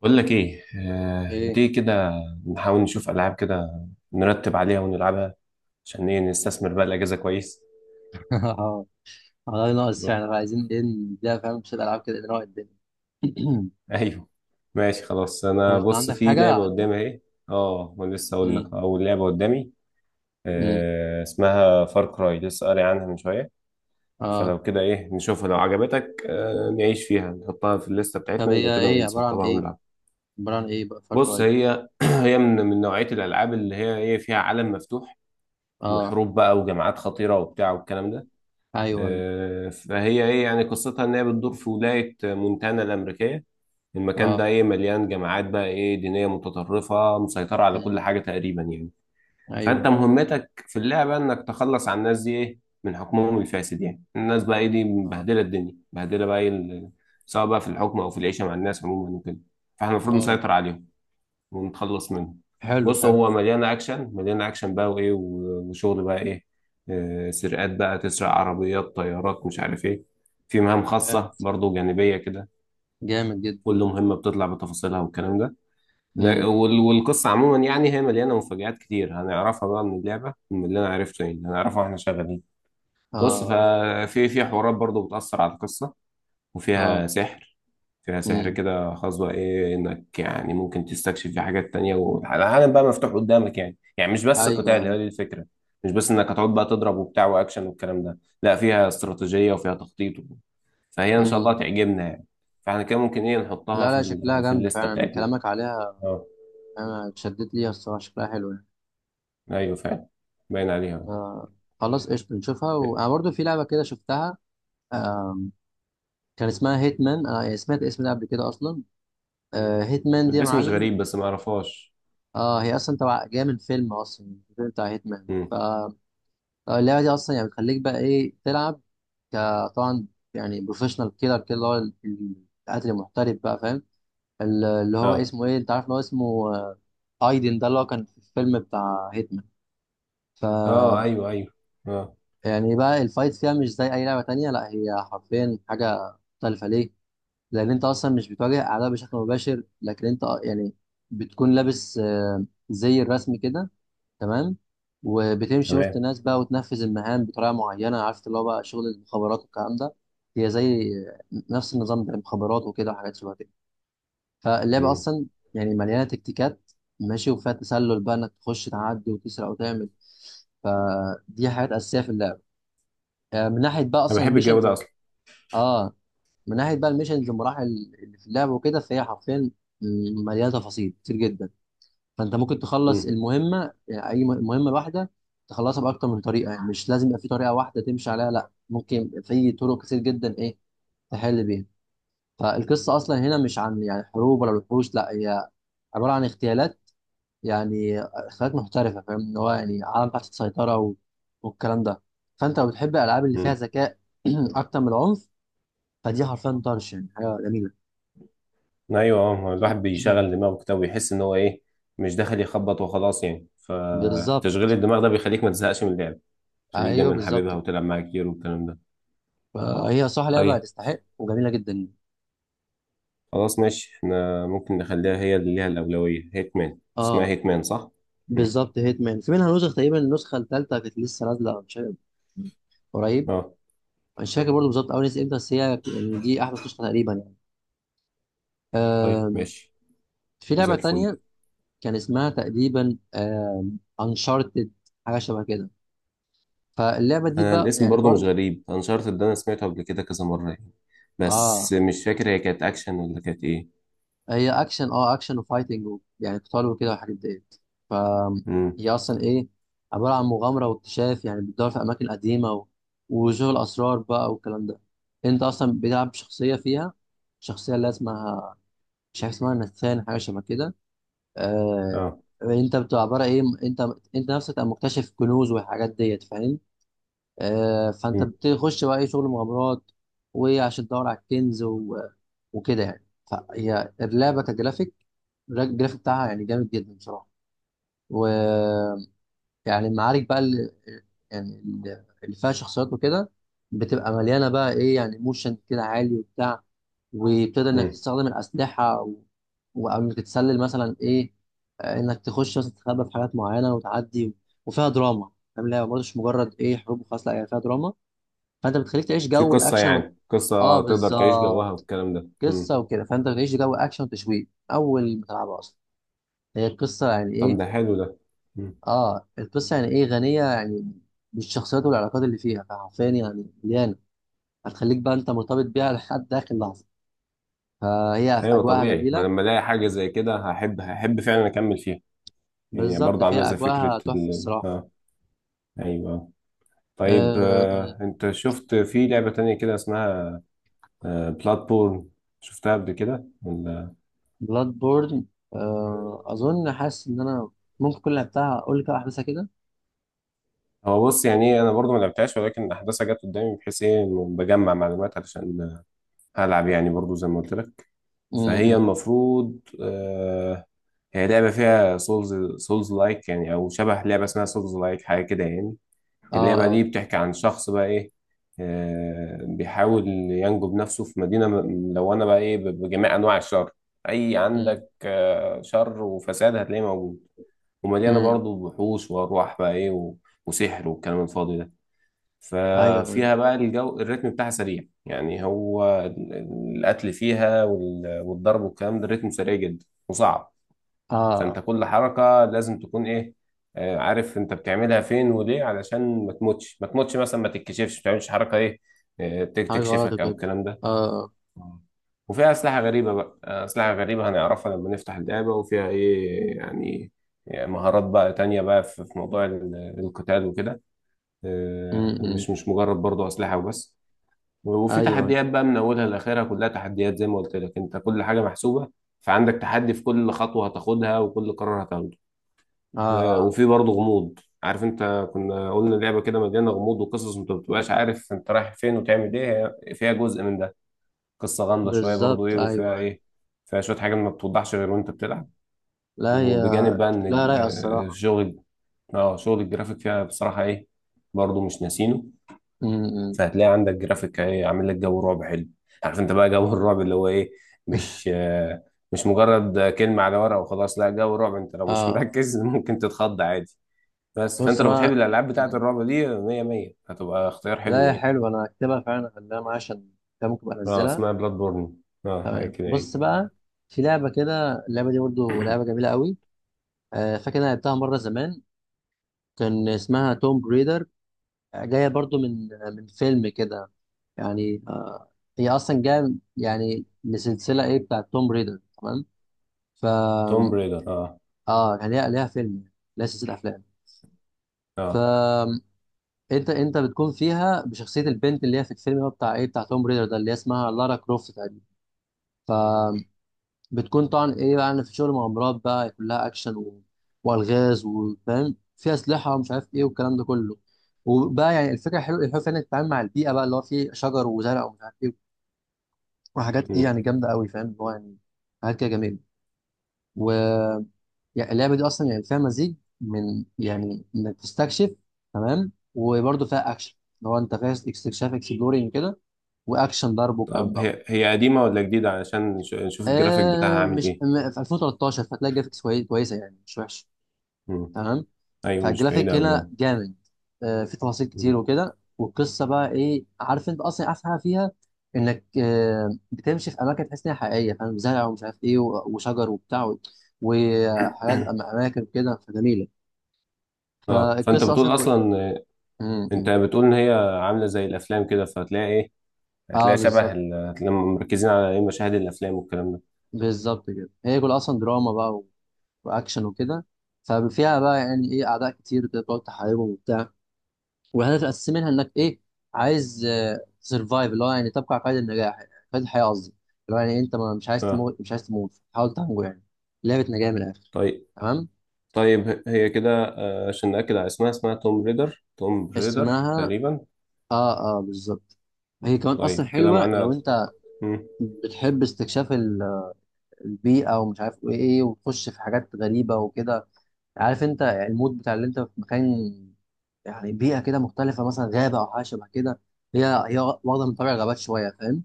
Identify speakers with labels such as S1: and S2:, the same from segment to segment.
S1: بقول لك ايه ما
S2: ايه.
S1: تيجي كده نحاول نشوف العاب كده، نرتب عليها ونلعبها عشان ايه نستثمر بقى الاجازه كويس.
S2: اه. والله ناقص
S1: تمام؟
S2: فعلا، عايزين ايه نديها فاهم شوية العاب كده نروق الدنيا.
S1: ايوه ماشي خلاص،
S2: طب
S1: انا
S2: انت
S1: بص
S2: عندك
S1: في
S2: حاجة
S1: لعبه
S2: عارفها؟
S1: قدامي اهي. اه ما لسه اقول
S2: امم.
S1: لك، اول لعبه قدامي
S2: امم.
S1: آه اسمها فار كراي، لسه قاري عنها من شويه.
S2: اه.
S1: فلو كده ايه نشوفها، لو عجبتك آه نعيش فيها، نحطها في الليسته
S2: طب
S1: بتاعتنا، ولو
S2: هي
S1: كده
S2: ايه عبارة عن
S1: نسطبها
S2: ايه؟
S1: ونلعب.
S2: عبارة عن ايه بقى فار
S1: بص
S2: كراي؟
S1: هي هي من نوعيه الالعاب اللي هي ايه فيها عالم مفتوح،
S2: اه،
S1: وحروب بقى وجماعات خطيره وبتاع والكلام ده.
S2: ايوه ايوه.
S1: فهي ايه يعني قصتها ان هي بتدور في ولايه مونتانا الامريكيه. المكان ده
S2: اه.
S1: ايه مليان جماعات بقى ايه دينيه متطرفه، مسيطره على
S2: امم.
S1: كل حاجه تقريبا يعني.
S2: ايوه
S1: فانت
S2: ايوه.
S1: مهمتك في اللعبه انك تخلص على الناس دي ايه من حكمهم الفاسد، يعني الناس بقى ايه دي
S2: اه.
S1: مبهدله الدنيا، مبهدله بقى ايه سواء بقى في الحكم او في العيشه مع الناس عموما وكده. فاحنا المفروض
S2: اه.
S1: نسيطر عليهم ونتخلص منه.
S2: حلو
S1: بص
S2: حلو.
S1: هو مليان اكشن، مليان اكشن بقى وايه وشغل بقى ايه. سرقات بقى، تسرق عربيات طيارات مش عارف ايه. في مهام
S2: طب جامد،
S1: خاصة برضو جانبية كده،
S2: جامد جدا.
S1: كل مهمة بتطلع بتفاصيلها والكلام ده.
S2: امم.
S1: والقصة عموما يعني هي مليانة مفاجآت كتير، هنعرفها بقى من اللعبة، من اللي أنا عرفته يعني هنعرفها واحنا شغالين. بص
S2: اه.
S1: ففي حوارات برضو بتأثر على القصة
S2: اه.
S1: وفيها سحر. فيها سحر
S2: امم.
S1: كده خاص بقى ايه، انك يعني ممكن تستكشف في حاجات تانية، والعالم بقى مفتوح قدامك يعني، يعني مش بس
S2: ايوه
S1: قتال
S2: ايوه.
S1: هي دي الفكرة. مش بس انك هتقعد بقى تضرب وبتاع واكشن والكلام ده، لا فيها استراتيجية وفيها تخطيط و... فهي ان شاء الله
S2: امم.
S1: تعجبنا يعني. فاحنا كده ممكن ايه نحطها
S2: لا
S1: في
S2: لا، شكلها
S1: ال... في
S2: جامد
S1: الليستة
S2: فعلا
S1: بتاعتنا.
S2: كلامك عليها.
S1: اه.
S2: انا اتشددت ليها الصراحة، شكلها حلو يعني.
S1: ايوه فعلا، باين عليها.
S2: آه. خلاص قشطة نشوفها، وأنا برضو في لعبة كده شفتها. آه، كان اسمها هيتمان، أنا سمعت الاسم ده قبل كده أصلا. آه، هيتمان دي يا
S1: الاسم مش
S2: معلم.
S1: غريب بس ما اعرفهاش.
S2: آه، هي أصلا تبع جاية من فيلم، أصلا الفيلم بتاع هيتمان.
S1: امم.
S2: فاللعبة دي أصلا يعني بتخليك بقى إيه تلعب. طبعا، يعني بروفيشنال كيلر كده، اللي هو القاتل المحترف بقى فاهم. اللي هو
S1: اه.
S2: اسمه إيه، أنت عارف اللي هو اسمه ايدن ده، اللي هو كان في الفيلم بتاع هيتمان. ف
S1: اه ايوه ايوه. اه
S2: يعني بقى الفايت فيها مش زي اي لعبه تانية، لا هي حرفيا حاجه مختلفه ليه. لان انت اصلا مش بتواجه اعداء بشكل مباشر، لكن انت يعني بتكون لابس زي الرسم كده تمام، وبتمشي وسط
S1: تمام.
S2: الناس بقى وتنفذ المهام بطريقه معينه، عارف اللي هو بقى شغل المخابرات والكلام ده. هي زي نفس النظام ده المخابرات وكده وحاجات شبه كده. فاللعبه
S1: مم.
S2: اصلا يعني مليانه تكتيكات ماشي، وفيها تسلل بقى انك تخش تعدي وتسرق وتعمل، فدي حاجات اساسيه في اللعبه. من ناحيه بقى
S1: انا
S2: اصلا
S1: بحب الجو
S2: الميشنز
S1: ده اصلا.
S2: اه. من ناحيه بقى الميشنز والمراحل اللي في اللعبه وكده، فهي حرفيا مليانه تفاصيل كتير جدا. فانت ممكن تخلص
S1: مم.
S2: المهمه، يعني اي مهمه لوحده تخلصها باكتر من طريقه، يعني مش لازم يبقى في طريقه واحده تمشي عليها، لا ممكن في طرق كتير جدا ايه تحل بيها. فالقصه اصلا هنا مش عن يعني حروب ولا وحوش، لا هي عباره عن اغتيالات، يعني اغتيالات محترفه فاهم، ان هو يعني عالم تحت السيطره و... والكلام ده. فانت لو بتحب الالعاب اللي فيها
S1: مم.
S2: ذكاء اكتر من العنف، فدي حرفيا طرش يعني حاجه جميله.
S1: ايوه، الواحد بيشغل دماغه كده ويحس ان هو ايه، مش داخل يخبط وخلاص يعني،
S2: بالظبط،
S1: فتشغيل الدماغ ده بيخليك ما تزهقش من اللعب. خليك
S2: ايوه
S1: دايما
S2: بالظبط.
S1: حاببها وتلعب معاها كتير والكلام ده.
S2: فهي صح لعبه
S1: طيب
S2: هتستحق وجميله جدا يعني.
S1: خلاص ماشي، احنا ممكن نخليها هي اللي ليها الأولوية. هيتمان اسمها،
S2: اه
S1: هيتمان صح؟ مم.
S2: بالظبط، هيتمان في منها نسخ تقريبا، النسخه الثالثه كانت لسه نازله مش عارف، قريب.
S1: اه.
S2: مش فاكر برضه بالظبط اول نسخه امتى، بس هي يعني دي احدث نسخه تقريبا يعني.
S1: طيب
S2: آم،
S1: ماشي،
S2: في
S1: زي
S2: لعبه
S1: الفل.
S2: تانية كان اسمها تقريبا انشارتد، حاجه شبه كده. فاللعبه دي
S1: انا
S2: بقى
S1: الاسم
S2: يعني
S1: برضو مش
S2: برضه
S1: غريب، انشارتد ده انا سمعته قبل كده كذا مرة يعني، بس
S2: اه،
S1: مش فاكر هي كانت اكشن ولا كانت ايه.
S2: هي اكشن. اه اكشن وفايتنج يعني قتال وكده والحاجات ديت. ف
S1: مم.
S2: هي اصلا ايه عباره عن مغامره واكتشاف، يعني بتدور في اماكن قديمه و... وشغل اسرار بقى والكلام ده. انت اصلا بتلعب شخصيه فيها، شخصيه اللي اسمها مش عارف اسمها نثان، حاجه شبه كده. آه...
S1: اه.
S2: انت بتبقى عباره ايه، انت نفسك تبقى مكتشف كنوز والحاجات ديت فاهم. فانت
S1: مم.
S2: بتخش بقى اي شغل مغامرات، وعشان تدور على الكنز و... وكده يعني. فهي اللعبه كجرافيك، الجرافيك بتاعها يعني جامد جدا بصراحه. ويعني المعارك بقى اللي يعني اللي فيها شخصيات وكده بتبقى مليانه بقى ايه، يعني موشن كده عالي وبتاع. وبتقدر انك
S1: مم.
S2: تستخدم الاسلحه و... او انك تتسلل مثلا ايه، انك تخش مثلا تتخبى في حاجات معينه وتعدي. وفيها دراما فاهم، لا برضه مش مجرد ايه حروب وخلاص، لا هي فيها دراما. فانت بتخليك تعيش
S1: في
S2: جو
S1: قصة،
S2: الاكشن و...
S1: يعني
S2: اه
S1: قصة تقدر تعيش جواها
S2: بالظبط،
S1: والكلام ده. مم.
S2: قصه وكده، فانت بتعيش جو اكشن وتشويق اول ما تلعبها، اصلا هي القصه يعني
S1: طب
S2: ايه.
S1: ده حلو ده. مم.
S2: اه القصه يعني ايه غنيه، يعني بالشخصيات والعلاقات اللي فيها، فحرفيا يعني مليانه، هتخليك بقى انت مرتبط بيها لحد اخر لحظه. فهي في
S1: أيوة
S2: اجواءها
S1: طبيعي، ما
S2: جميله.
S1: لما ألاقي حاجة زي كده هحب، هحب فعلا أكمل فيها. يعني
S2: بالظبط،
S1: برضه
S2: فهي
S1: عاملة زي فكرة
S2: اجواءها تحفه
S1: ال...
S2: الصراحه.
S1: آه. أيوة. طيب
S2: آه،
S1: آه، أنت شفت في لعبة تانية كده اسمها آه بلاتبورن؟ شفتها قبل كده ولا؟
S2: بلاد بورن. آه اظن حاسس ان انا ممكن كل اللي لعبتها اقول لك احداثها كده.
S1: هو بص يعني إيه، أنا برضه ما لعبتهاش، ولكن أحداثها جت قدامي، بحيث إيه إنه بجمع معلومات علشان ألعب يعني، برضه زي ما قلت لك. فهي
S2: امم.
S1: المفروض هي لعبة فيها سولز لايك يعني، أو شبه لعبة اسمها سولز لايك حاجة كده يعني.
S2: اه.
S1: اللعبة دي
S2: اه.
S1: بتحكي عن شخص بقى إيه، آه بيحاول ينجو بنفسه في مدينة ملونة بقى إيه بجميع أنواع الشر. أي عندك آه شر وفساد هتلاقيه موجود. ومليانة
S2: امم.
S1: برضه وحوش وأرواح بقى إيه وسحر والكلام الفاضي ده.
S2: ايوه أيوه.
S1: ففيها بقى الجو الريتم بتاعها سريع يعني، هو القتل فيها والضرب والكلام ده، الريتم سريع جدا وصعب. فانت
S2: اه.
S1: كل حركة لازم تكون ايه، عارف انت بتعملها فين وليه، علشان ما تموتش، ما تموتش مثلا، ما تتكشفش، ما تعملش حركة ايه
S2: حاجة غلط
S1: تكشفك او
S2: كده.
S1: الكلام ده.
S2: اه.
S1: آه. وفيها أسلحة غريبة بقى، أسلحة غريبة هنعرفها لما نفتح اللعبة، وفيها إيه يعني، يعني مهارات بقى تانية بقى في موضوع القتال وكده.
S2: م -م.
S1: مش مش مجرد برضه أسلحة وبس. وفي
S2: ايوه.
S1: تحديات بقى من أولها لآخرها كلها تحديات، زي ما قلت لك أنت كل حاجة محسوبة. فعندك تحدي في كل خطوة هتاخدها، وكل قرار هتاخده.
S2: اه
S1: وفي برضه غموض، عارف انت كنا قلنا لعبه كده مليانه غموض وقصص، انت ما بتبقاش عارف انت رايح فين وتعمل ايه، هي فيها جزء من ده. قصه غامضه شويه برضه
S2: بالظبط،
S1: ايه وفيها
S2: ايوه.
S1: ايه، فيها شويه حاجات ما بتوضحش غير وانت بتلعب.
S2: لا هي
S1: وبجانب بقى
S2: شكلها
S1: ان
S2: رايقة الصراحة.
S1: شغل، اه شغل الجرافيك فيها بصراحه ايه، برضه مش ناسينه.
S2: م -م.
S1: فهتلاقي عندك جرافيك ايه، عامل لك جو رعب حلو. عارف انت بقى جو الرعب اللي هو ايه، مش آه، مش مجرد كلمه على ورقه وخلاص، لا جو رعب، انت لو مش
S2: اه
S1: مركز ممكن تتخض عادي. بس فانت
S2: بص
S1: لو بتحب
S2: بقى.
S1: الالعاب بتاعه
S2: م.
S1: الرعب دي، مية مية، هتبقى اختيار حلو
S2: لا هي
S1: يعني.
S2: حلوة، انا هكتبها فعلا اخليها معايا، عشان كده ممكن أبقى
S1: اه
S2: انزلها.
S1: اسمها بلاد بورن، اه حاجه
S2: تمام
S1: كده
S2: بص
S1: يعني.
S2: بقى، في لعبة كده، اللعبة دي برضو لعبة جميلة قوي. آه فاكر انا لعبتها مرة زمان، كان اسمها توم بريدر، جاية برضو من فيلم كده يعني. هي أصلا جاية يعني لسلسلة إيه بتاعت توم ريدر تمام.
S1: توم
S2: فا
S1: بريدر اه.
S2: آه يعني ليها، ليها فيلم، ليها سلسلة أفلام.
S1: اه.
S2: فأنت أنت انت بتكون فيها بشخصية البنت اللي هي في الفيلم، هو بتاع إيه، بتاع توم ريدر ده اللي هي اسمها لارا كروفت تقريبا. فبتكون طبعا إيه، يعني في شغل مغامرات بقى كلها أكشن و... وألغاز وفاهم فيها أسلحة ومش عارف إيه والكلام ده كله. وبقى يعني الفكره حلوه، الحلو فعلا انك تتعامل مع البيئه بقى اللي هو فيه شجر وزرع ومش عارف ايه وحاجات ايه
S1: مم.
S2: يعني جامده قوي فاهم، اللي هو يعني حاجات كده جميله. و يعني اللعبه دي اصلا يعني فيها مزيج من يعني انك تستكشف تمام. وبرده فيها اكشن، اللي هو انت فيها استكشاف اكسبلورينج كده، واكشن ضرب والكلام
S1: طب
S2: دوت.
S1: هي هي قديمه ولا جديده، علشان نشوف الجرافيك بتاعها
S2: آه
S1: عامل
S2: مش
S1: ايه.
S2: في 2013، فتلاقي جرافيكس كويسه يعني مش وحشه.
S1: مم.
S2: تمام،
S1: ايوه مش بعيده
S2: فالجرافيك
S1: قوي،
S2: هنا
S1: اه.
S2: جامد. في تفاصيل كتير
S1: مم.
S2: وكده، والقصه بقى ايه عارف انت اصلا احسن حاجه فيها، انك بتمشي في اماكن تحس انها حقيقيه فاهم، زرع ومش عارف ايه وشجر وبتاع وحاجات اماكن وكده فجميله.
S1: اه فانت
S2: فالقصه اصلا
S1: بتقول
S2: كل...
S1: اصلا آه،
S2: مم،
S1: انت
S2: مم.
S1: بتقول ان هي عامله زي الافلام كده، فهتلاقي ايه،
S2: اه
S1: هتلاقي شبه
S2: بالظبط.
S1: هتلاقي مركزين على ايه مشاهد الافلام والكلام ده.
S2: بالظبط كده، هي كل اصلا دراما بقى واكشن وكده. ففيها بقى يعني ايه اعداء كتير كده بتقعد تحاربهم وبتاع. وهدف منها انك ايه عايز سرفايف، اللي هو يعني تبقى على قيد النجاح، قيد الحياه قصدي. اللي هو يعني انت مش عايز
S1: اه
S2: تموت مش عايز تموت حاول تنجو يعني. لعبه نجاه من الاخر.
S1: طيب.
S2: تمام.
S1: طيب هي كده عشان نأكد على اسمها، اسمها توم ريدر، توم ريدر
S2: اسمها
S1: تقريبا.
S2: اه. اه بالظبط، هي كمان اصلا
S1: طيب كده
S2: حلوه لو
S1: معانا.
S2: انت
S1: مم.
S2: بتحب استكشاف البيئه ومش عارف ايه ايه، وتخش في حاجات غريبه وكده. عارف انت المود بتاع اللي انت في مكان يعني، بيئه كده مختلفه مثلا غابه او حاجه شبه كده. هي واخده من طابع الغابات شويه فاهم.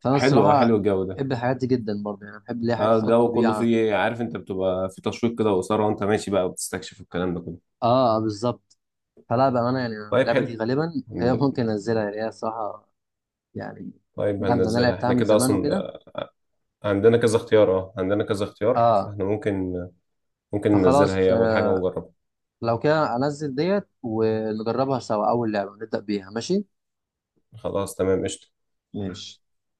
S2: فانا
S1: حلو
S2: الصراحه
S1: حلو الجو ده.
S2: بحب الحاجات دي جدا برضه، يعني بحب اللي هي حاجات
S1: اه
S2: فيها
S1: الجو كله
S2: الطبيعه.
S1: فيه، عارف انت بتبقى في تشويق كده وإثارة، وانت ماشي بقى وبتستكشف الكلام ده كله.
S2: اه. بالظبط. فلا بامانه يعني
S1: طيب
S2: اللعبه دي
S1: حلو.
S2: غالبا، غالبا
S1: هن-
S2: ممكن انزلها يعني، هي الصراحه يعني
S1: طيب
S2: جامده، انا
S1: هننزلها
S2: لعبتها
S1: احنا
S2: من
S1: كده
S2: زمان
S1: اصلا،
S2: وكده.
S1: عندنا كذا اختيار، اه عندنا كذا اختيار،
S2: اه.
S1: فاحنا ممكن ممكن ننزلها
S2: فخلاص
S1: هي اول حاجة ونجربها.
S2: لو كده انزل ديت ونجربها سوا، اول لعبه نبدا بيها ماشي.
S1: خلاص تمام قشطة.
S2: ماشي.